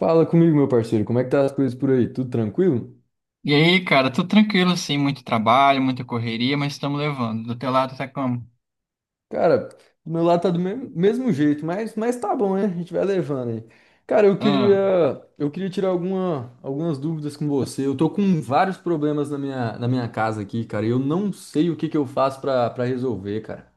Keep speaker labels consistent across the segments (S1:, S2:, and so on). S1: Fala comigo, meu parceiro, como é que tá as coisas por aí? Tudo tranquilo?
S2: E aí, cara, tudo tranquilo, assim? Muito trabalho, muita correria, mas estamos levando. Do teu lado tá como?
S1: Cara, do meu lado tá do mesmo, mesmo jeito, mas tá bom, né? A gente vai levando aí. Cara, eu queria,
S2: Ah,
S1: eu queria tirar algumas dúvidas com você. Eu tô com vários problemas na minha casa aqui, cara, e eu não sei o que que eu faço pra resolver, cara.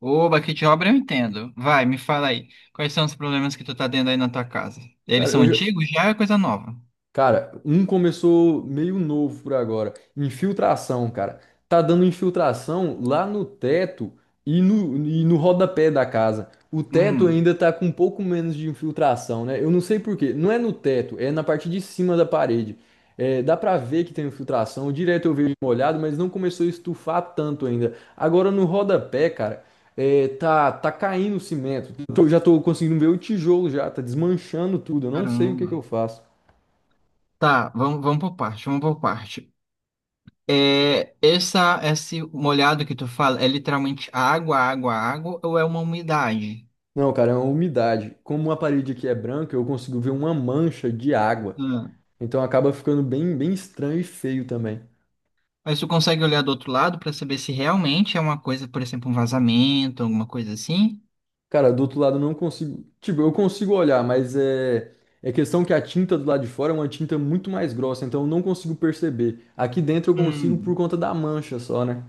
S2: oba, que de obra eu entendo. Vai, me fala aí, quais são os problemas que tu tá tendo aí na tua casa? Eles
S1: Cara, eu
S2: são
S1: já,
S2: antigos? Já é coisa nova.
S1: Cara, um começou meio novo por agora. Infiltração, cara. Tá dando infiltração lá no teto e no rodapé da casa. O teto
S2: Hum,
S1: ainda tá com um pouco menos de infiltração, né? Eu não sei por quê. Não é no teto, é na parte de cima da parede. É, dá pra ver que tem infiltração. Direto eu vejo molhado, mas não começou a estufar tanto ainda. Agora no rodapé, cara, é, tá caindo o cimento. Já tô conseguindo ver o tijolo já, tá desmanchando tudo. Eu não sei o que
S2: caramba.
S1: que eu faço.
S2: Tá, vamos por parte, vamos por parte. É, esse molhado que tu fala, é literalmente água, água, água, ou é uma umidade?
S1: Não, cara, é uma umidade. Como a parede aqui é branca, eu consigo ver uma mancha de água.
S2: Ah.
S1: Então acaba ficando bem estranho e feio também.
S2: Mas tu consegue olhar do outro lado para saber se realmente é uma coisa, por exemplo, um vazamento, alguma coisa assim?
S1: Cara, do outro lado eu não consigo. Tipo, eu consigo olhar, mas é. É questão que a tinta do lado de fora é uma tinta muito mais grossa, então eu não consigo perceber. Aqui dentro eu consigo por
S2: Hum.
S1: conta da mancha só, né?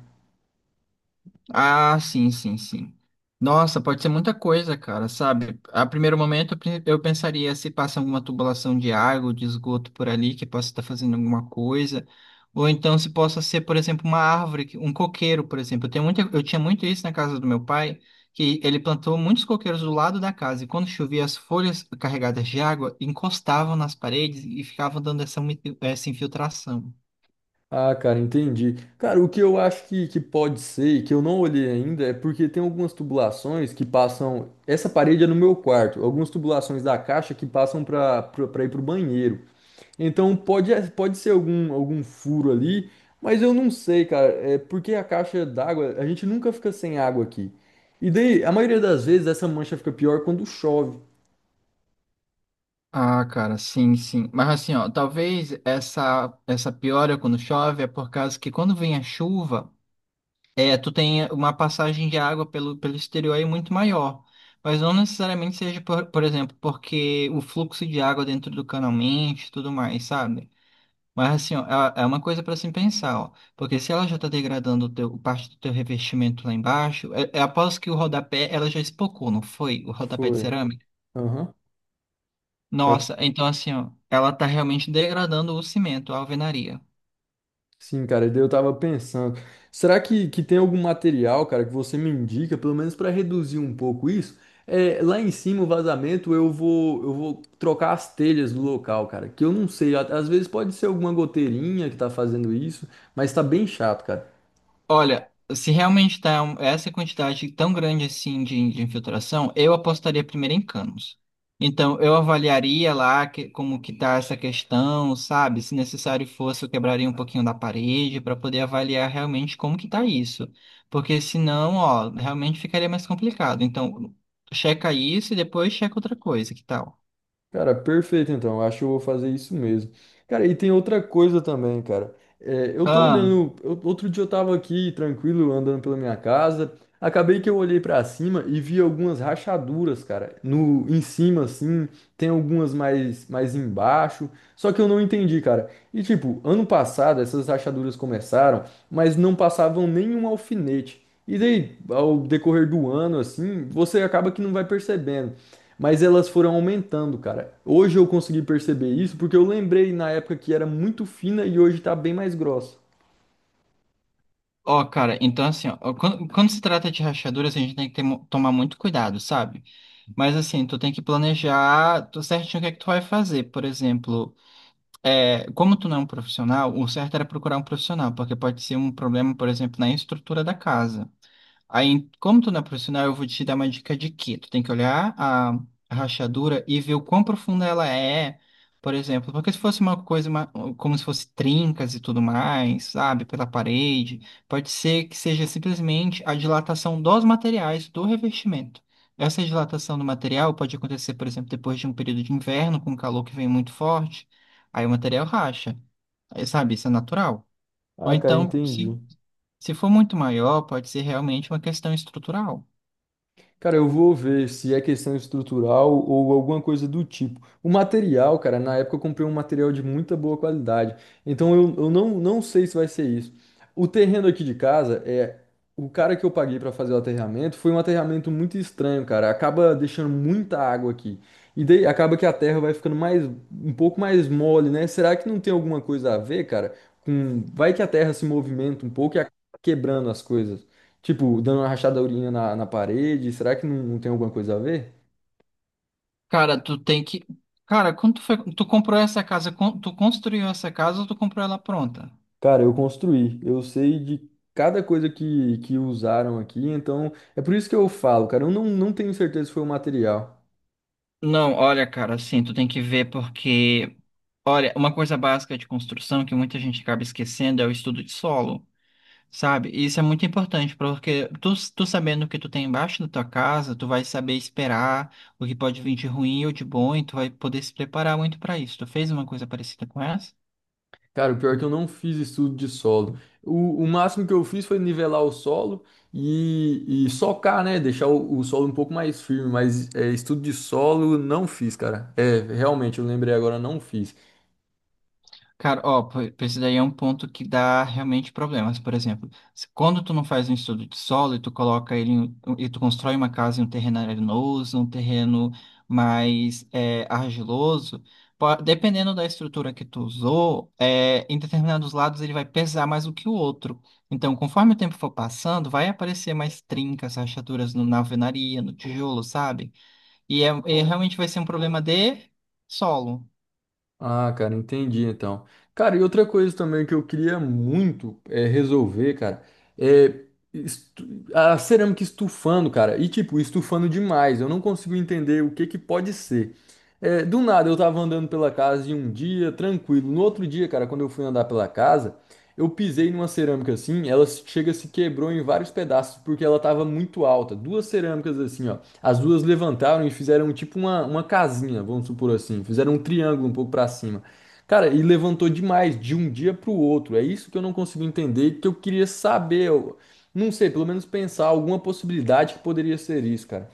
S2: Ah, sim, sim, sim. Nossa, pode ser muita coisa, cara, sabe? A primeiro momento eu pensaria se passa alguma tubulação de água ou de esgoto por ali, que possa estar fazendo alguma coisa. Ou então se possa ser, por exemplo, uma árvore, um coqueiro, por exemplo. Eu tenho muita, eu tinha muito isso na casa do meu pai, que ele plantou muitos coqueiros do lado da casa, e quando chovia, as folhas carregadas de água encostavam nas paredes e ficavam dando essa, essa infiltração.
S1: Ah, cara, entendi. Cara, o que eu acho que pode ser, e que eu não olhei ainda, é porque tem algumas tubulações que passam. Essa parede é no meu quarto, algumas tubulações da caixa que passam para ir pro banheiro. Então pode ser algum furo ali, mas eu não sei, cara. É porque a caixa d'água, a gente nunca fica sem água aqui. E daí, a maioria das vezes, essa mancha fica pior quando chove.
S2: Ah, cara, sim, sim. Mas assim, ó, talvez essa piora quando chove é por causa que quando vem a chuva, é, tu tem uma passagem de água pelo exterior aí muito maior. Mas não necessariamente seja, por exemplo, porque o fluxo de água dentro do canal mente e tudo mais, sabe? Mas assim, ó, é uma coisa para se pensar, ó. Porque se ela já tá degradando o teu, parte do teu revestimento lá embaixo, é após que o rodapé, ela já espocou, não foi? O rodapé de
S1: Foi.
S2: cerâmica.
S1: Aham. Tá.
S2: Nossa, então assim, ó, ela tá realmente degradando o cimento, a alvenaria.
S1: Sim, cara, e daí eu tava pensando, será que tem algum material, cara, que você me indica, pelo menos para reduzir um pouco isso? É, lá em cima, o vazamento, eu vou trocar as telhas do local, cara, que eu não sei, às vezes pode ser alguma goteirinha que tá fazendo isso, mas tá bem chato, cara.
S2: Olha, se realmente essa quantidade tão grande assim de infiltração, eu apostaria primeiro em canos. Então, eu avaliaria como que tá essa questão, sabe? Se necessário fosse, eu quebraria um pouquinho da parede para poder avaliar realmente como que tá isso. Porque senão, ó, realmente ficaria mais complicado. Então, checa isso e depois checa outra coisa, que tal?
S1: Cara, perfeito então. Eu acho que eu vou fazer isso mesmo. Cara, e tem outra coisa também, cara. É, eu tô
S2: Ah.
S1: olhando. Outro dia eu tava aqui tranquilo, andando pela minha casa. Acabei que eu olhei pra cima e vi algumas rachaduras, cara. No, em cima, assim, tem algumas mais embaixo. Só que eu não entendi, cara. E tipo, ano passado essas rachaduras começaram, mas não passavam nenhum alfinete. E daí, ao decorrer do ano, assim, você acaba que não vai percebendo. Mas elas foram aumentando, cara. Hoje eu consegui perceber isso porque eu lembrei na época que era muito fina e hoje tá bem mais grossa.
S2: Ó, cara, então assim, ó, quando se trata de rachaduras, a gente tem que tomar muito cuidado, sabe? Mas assim, tu tem que planejar tu certinho o que é que tu vai fazer. Por exemplo, é, como tu não é um profissional, o certo era procurar um profissional, porque pode ser um problema, por exemplo, na estrutura da casa. Aí, como tu não é profissional, eu vou te dar uma dica de que tu tem que olhar a rachadura e ver o quão profunda ela é, por exemplo, porque se fosse como se fosse trincas e tudo mais, sabe, pela parede, pode ser que seja simplesmente a dilatação dos materiais do revestimento. Essa dilatação do material pode acontecer, por exemplo, depois de um período de inverno com calor que vem muito forte, aí o material racha, aí, sabe, isso é natural. Ou
S1: Ah, cara,
S2: então,
S1: entendi.
S2: se for muito maior, pode ser realmente uma questão estrutural.
S1: Cara, eu vou ver se é questão estrutural ou alguma coisa do tipo. O material, cara, na época eu comprei um material de muita boa qualidade. Então eu não sei se vai ser isso. O terreno aqui de casa é. O cara que eu paguei pra fazer o aterramento foi um aterramento muito estranho, cara. Acaba deixando muita água aqui. E daí acaba que a terra vai ficando mais, um pouco mais mole, né? Será que não tem alguma coisa a ver, cara? Com... Vai que a terra se movimenta um pouco e acaba quebrando as coisas. Tipo, dando uma rachadourinha na parede, será que não tem alguma coisa a ver?
S2: Cara, tu tem que. Cara, quando tu comprou essa casa, tu construiu essa casa ou tu comprou ela pronta?
S1: Cara, eu construí, eu sei de cada coisa que usaram aqui, então é por isso que eu falo, cara, eu não tenho certeza se foi o material.
S2: Não, olha, cara, assim, tu tem que ver porque, olha, uma coisa básica de construção que muita gente acaba esquecendo é o estudo de solo, sabe? E isso é muito importante, porque tu, tu sabendo o que tu tem embaixo da tua casa, tu vai saber esperar o que pode vir de ruim ou de bom, e tu vai poder se preparar muito pra isso. Tu fez uma coisa parecida com essa?
S1: Cara, o pior é que eu não fiz estudo de solo. O máximo que eu fiz foi nivelar o solo e socar, né? Deixar o solo um pouco mais firme, mas é, estudo de solo não fiz, cara. É, realmente, eu lembrei agora, não fiz.
S2: Cara, ó, pô, esse daí é um ponto que dá realmente problemas. Por exemplo, quando tu não faz um estudo de solo e tu coloca ele em- um, e tu constrói uma casa em um terreno arenoso, um terreno mais é, argiloso, dependendo da estrutura que tu usou, é, em determinados lados ele vai pesar mais do que o outro. Então, conforme o tempo for passando, vai aparecer mais trincas, rachaduras na alvenaria, no tijolo, sabe? E, é, e realmente vai ser um problema de solo.
S1: Ah, cara, entendi então. Cara, e outra coisa também que eu queria muito é resolver, cara, é a cerâmica estufando, cara, e tipo, estufando demais. Eu não consigo entender o que que pode ser. É, do nada eu tava andando pela casa em um dia, tranquilo. No outro dia, cara, quando eu fui andar pela casa, eu pisei numa cerâmica assim, ela se- chega se quebrou em vários pedaços porque ela tava muito alta. Duas cerâmicas assim, ó. As duas levantaram e fizeram tipo uma casinha, vamos supor assim. Fizeram um triângulo um pouco pra cima. Cara, e levantou demais de um dia pro outro. É isso que eu não consigo entender, e que eu queria saber. Eu não sei, pelo menos pensar alguma possibilidade que poderia ser isso, cara.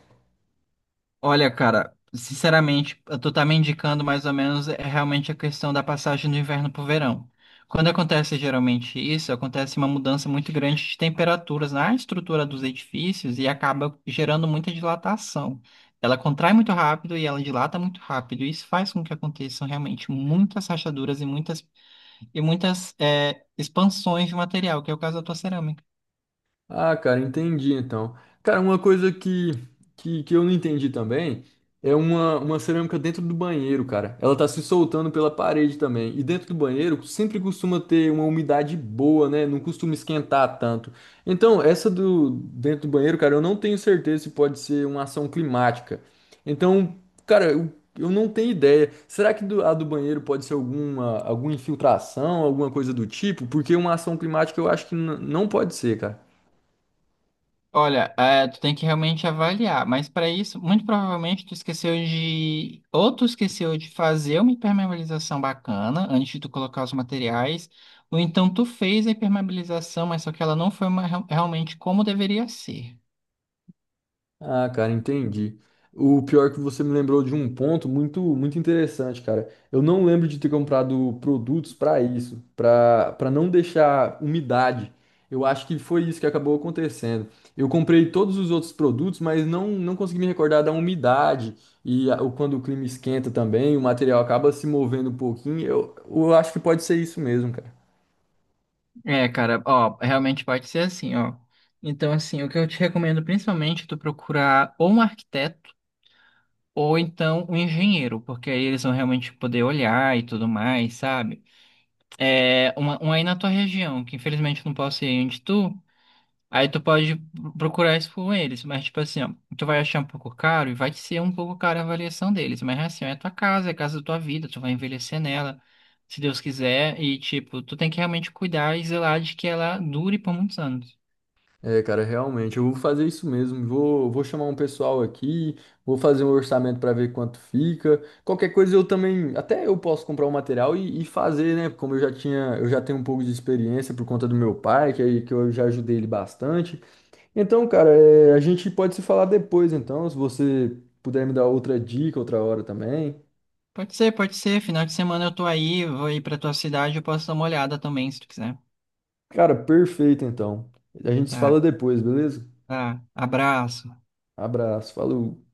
S2: Olha, cara, sinceramente, eu tô tá me indicando mais ou menos é realmente a questão da passagem do inverno pro verão. Quando acontece geralmente isso, acontece uma mudança muito grande de temperaturas na estrutura dos edifícios e acaba gerando muita dilatação. Ela contrai muito rápido e ela dilata muito rápido, e isso faz com que aconteçam realmente muitas rachaduras e e muitas é, expansões de material, que é o caso da tua cerâmica.
S1: Ah, cara, entendi então. Cara, uma coisa que eu não entendi também é uma cerâmica dentro do banheiro, cara. Ela tá se soltando pela parede também. E dentro do banheiro sempre costuma ter uma umidade boa, né? Não costuma esquentar tanto. Então, essa do dentro do banheiro, cara, eu não tenho certeza se pode ser uma ação climática. Então, cara, eu não tenho ideia. Será que a do banheiro pode ser alguma, alguma infiltração, alguma coisa do tipo? Porque uma ação climática eu acho que não pode ser, cara.
S2: Olha, é, tu tem que realmente avaliar, mas para isso, muito provavelmente tu esqueceu de fazer uma impermeabilização bacana antes de tu colocar os materiais, ou então tu fez a impermeabilização, mas só que ela não foi uma- real- realmente como deveria ser.
S1: Ah, cara, entendi. O pior é que você me lembrou de um ponto muito muito interessante, cara. Eu não lembro de ter comprado produtos para isso, para não deixar umidade. Eu acho que foi isso que acabou acontecendo. Eu comprei todos os outros produtos, mas não consegui me recordar da umidade e quando o clima esquenta também, o material acaba se movendo um pouquinho. Eu acho que pode ser isso mesmo, cara.
S2: É, cara, ó, realmente pode ser assim, ó. Então, assim, o que eu te recomendo principalmente é tu procurar ou um arquiteto ou então um engenheiro, porque aí eles vão realmente poder olhar e tudo mais, sabe? É, um aí na tua região, que infelizmente eu não posso ir onde tu, aí tu pode procurar isso com eles, mas tipo assim, ó, tu vai achar um pouco caro e vai ser um pouco caro a avaliação deles, mas assim, ó, é tua casa, é a casa da tua vida, tu vai envelhecer nela, se Deus quiser, e tipo, tu tem que realmente cuidar e zelar de que ela dure por muitos anos.
S1: É, cara, realmente, eu vou fazer isso mesmo. Vou chamar um pessoal aqui, vou fazer um orçamento para ver quanto fica. Qualquer coisa eu também, até eu posso comprar o material e fazer, né? Como eu já tinha, eu já tenho um pouco de experiência por conta do meu pai, que eu já ajudei ele bastante. Então, cara, é, a gente pode se falar depois, então, se você puder me dar outra dica outra hora também.
S2: Pode ser, final de semana eu tô aí, vou ir pra tua cidade, eu posso dar uma olhada também, se tu quiser.
S1: Cara, perfeito, então. A gente se
S2: Tá,
S1: fala depois, beleza?
S2: tá, abraço.
S1: Abraço, falou.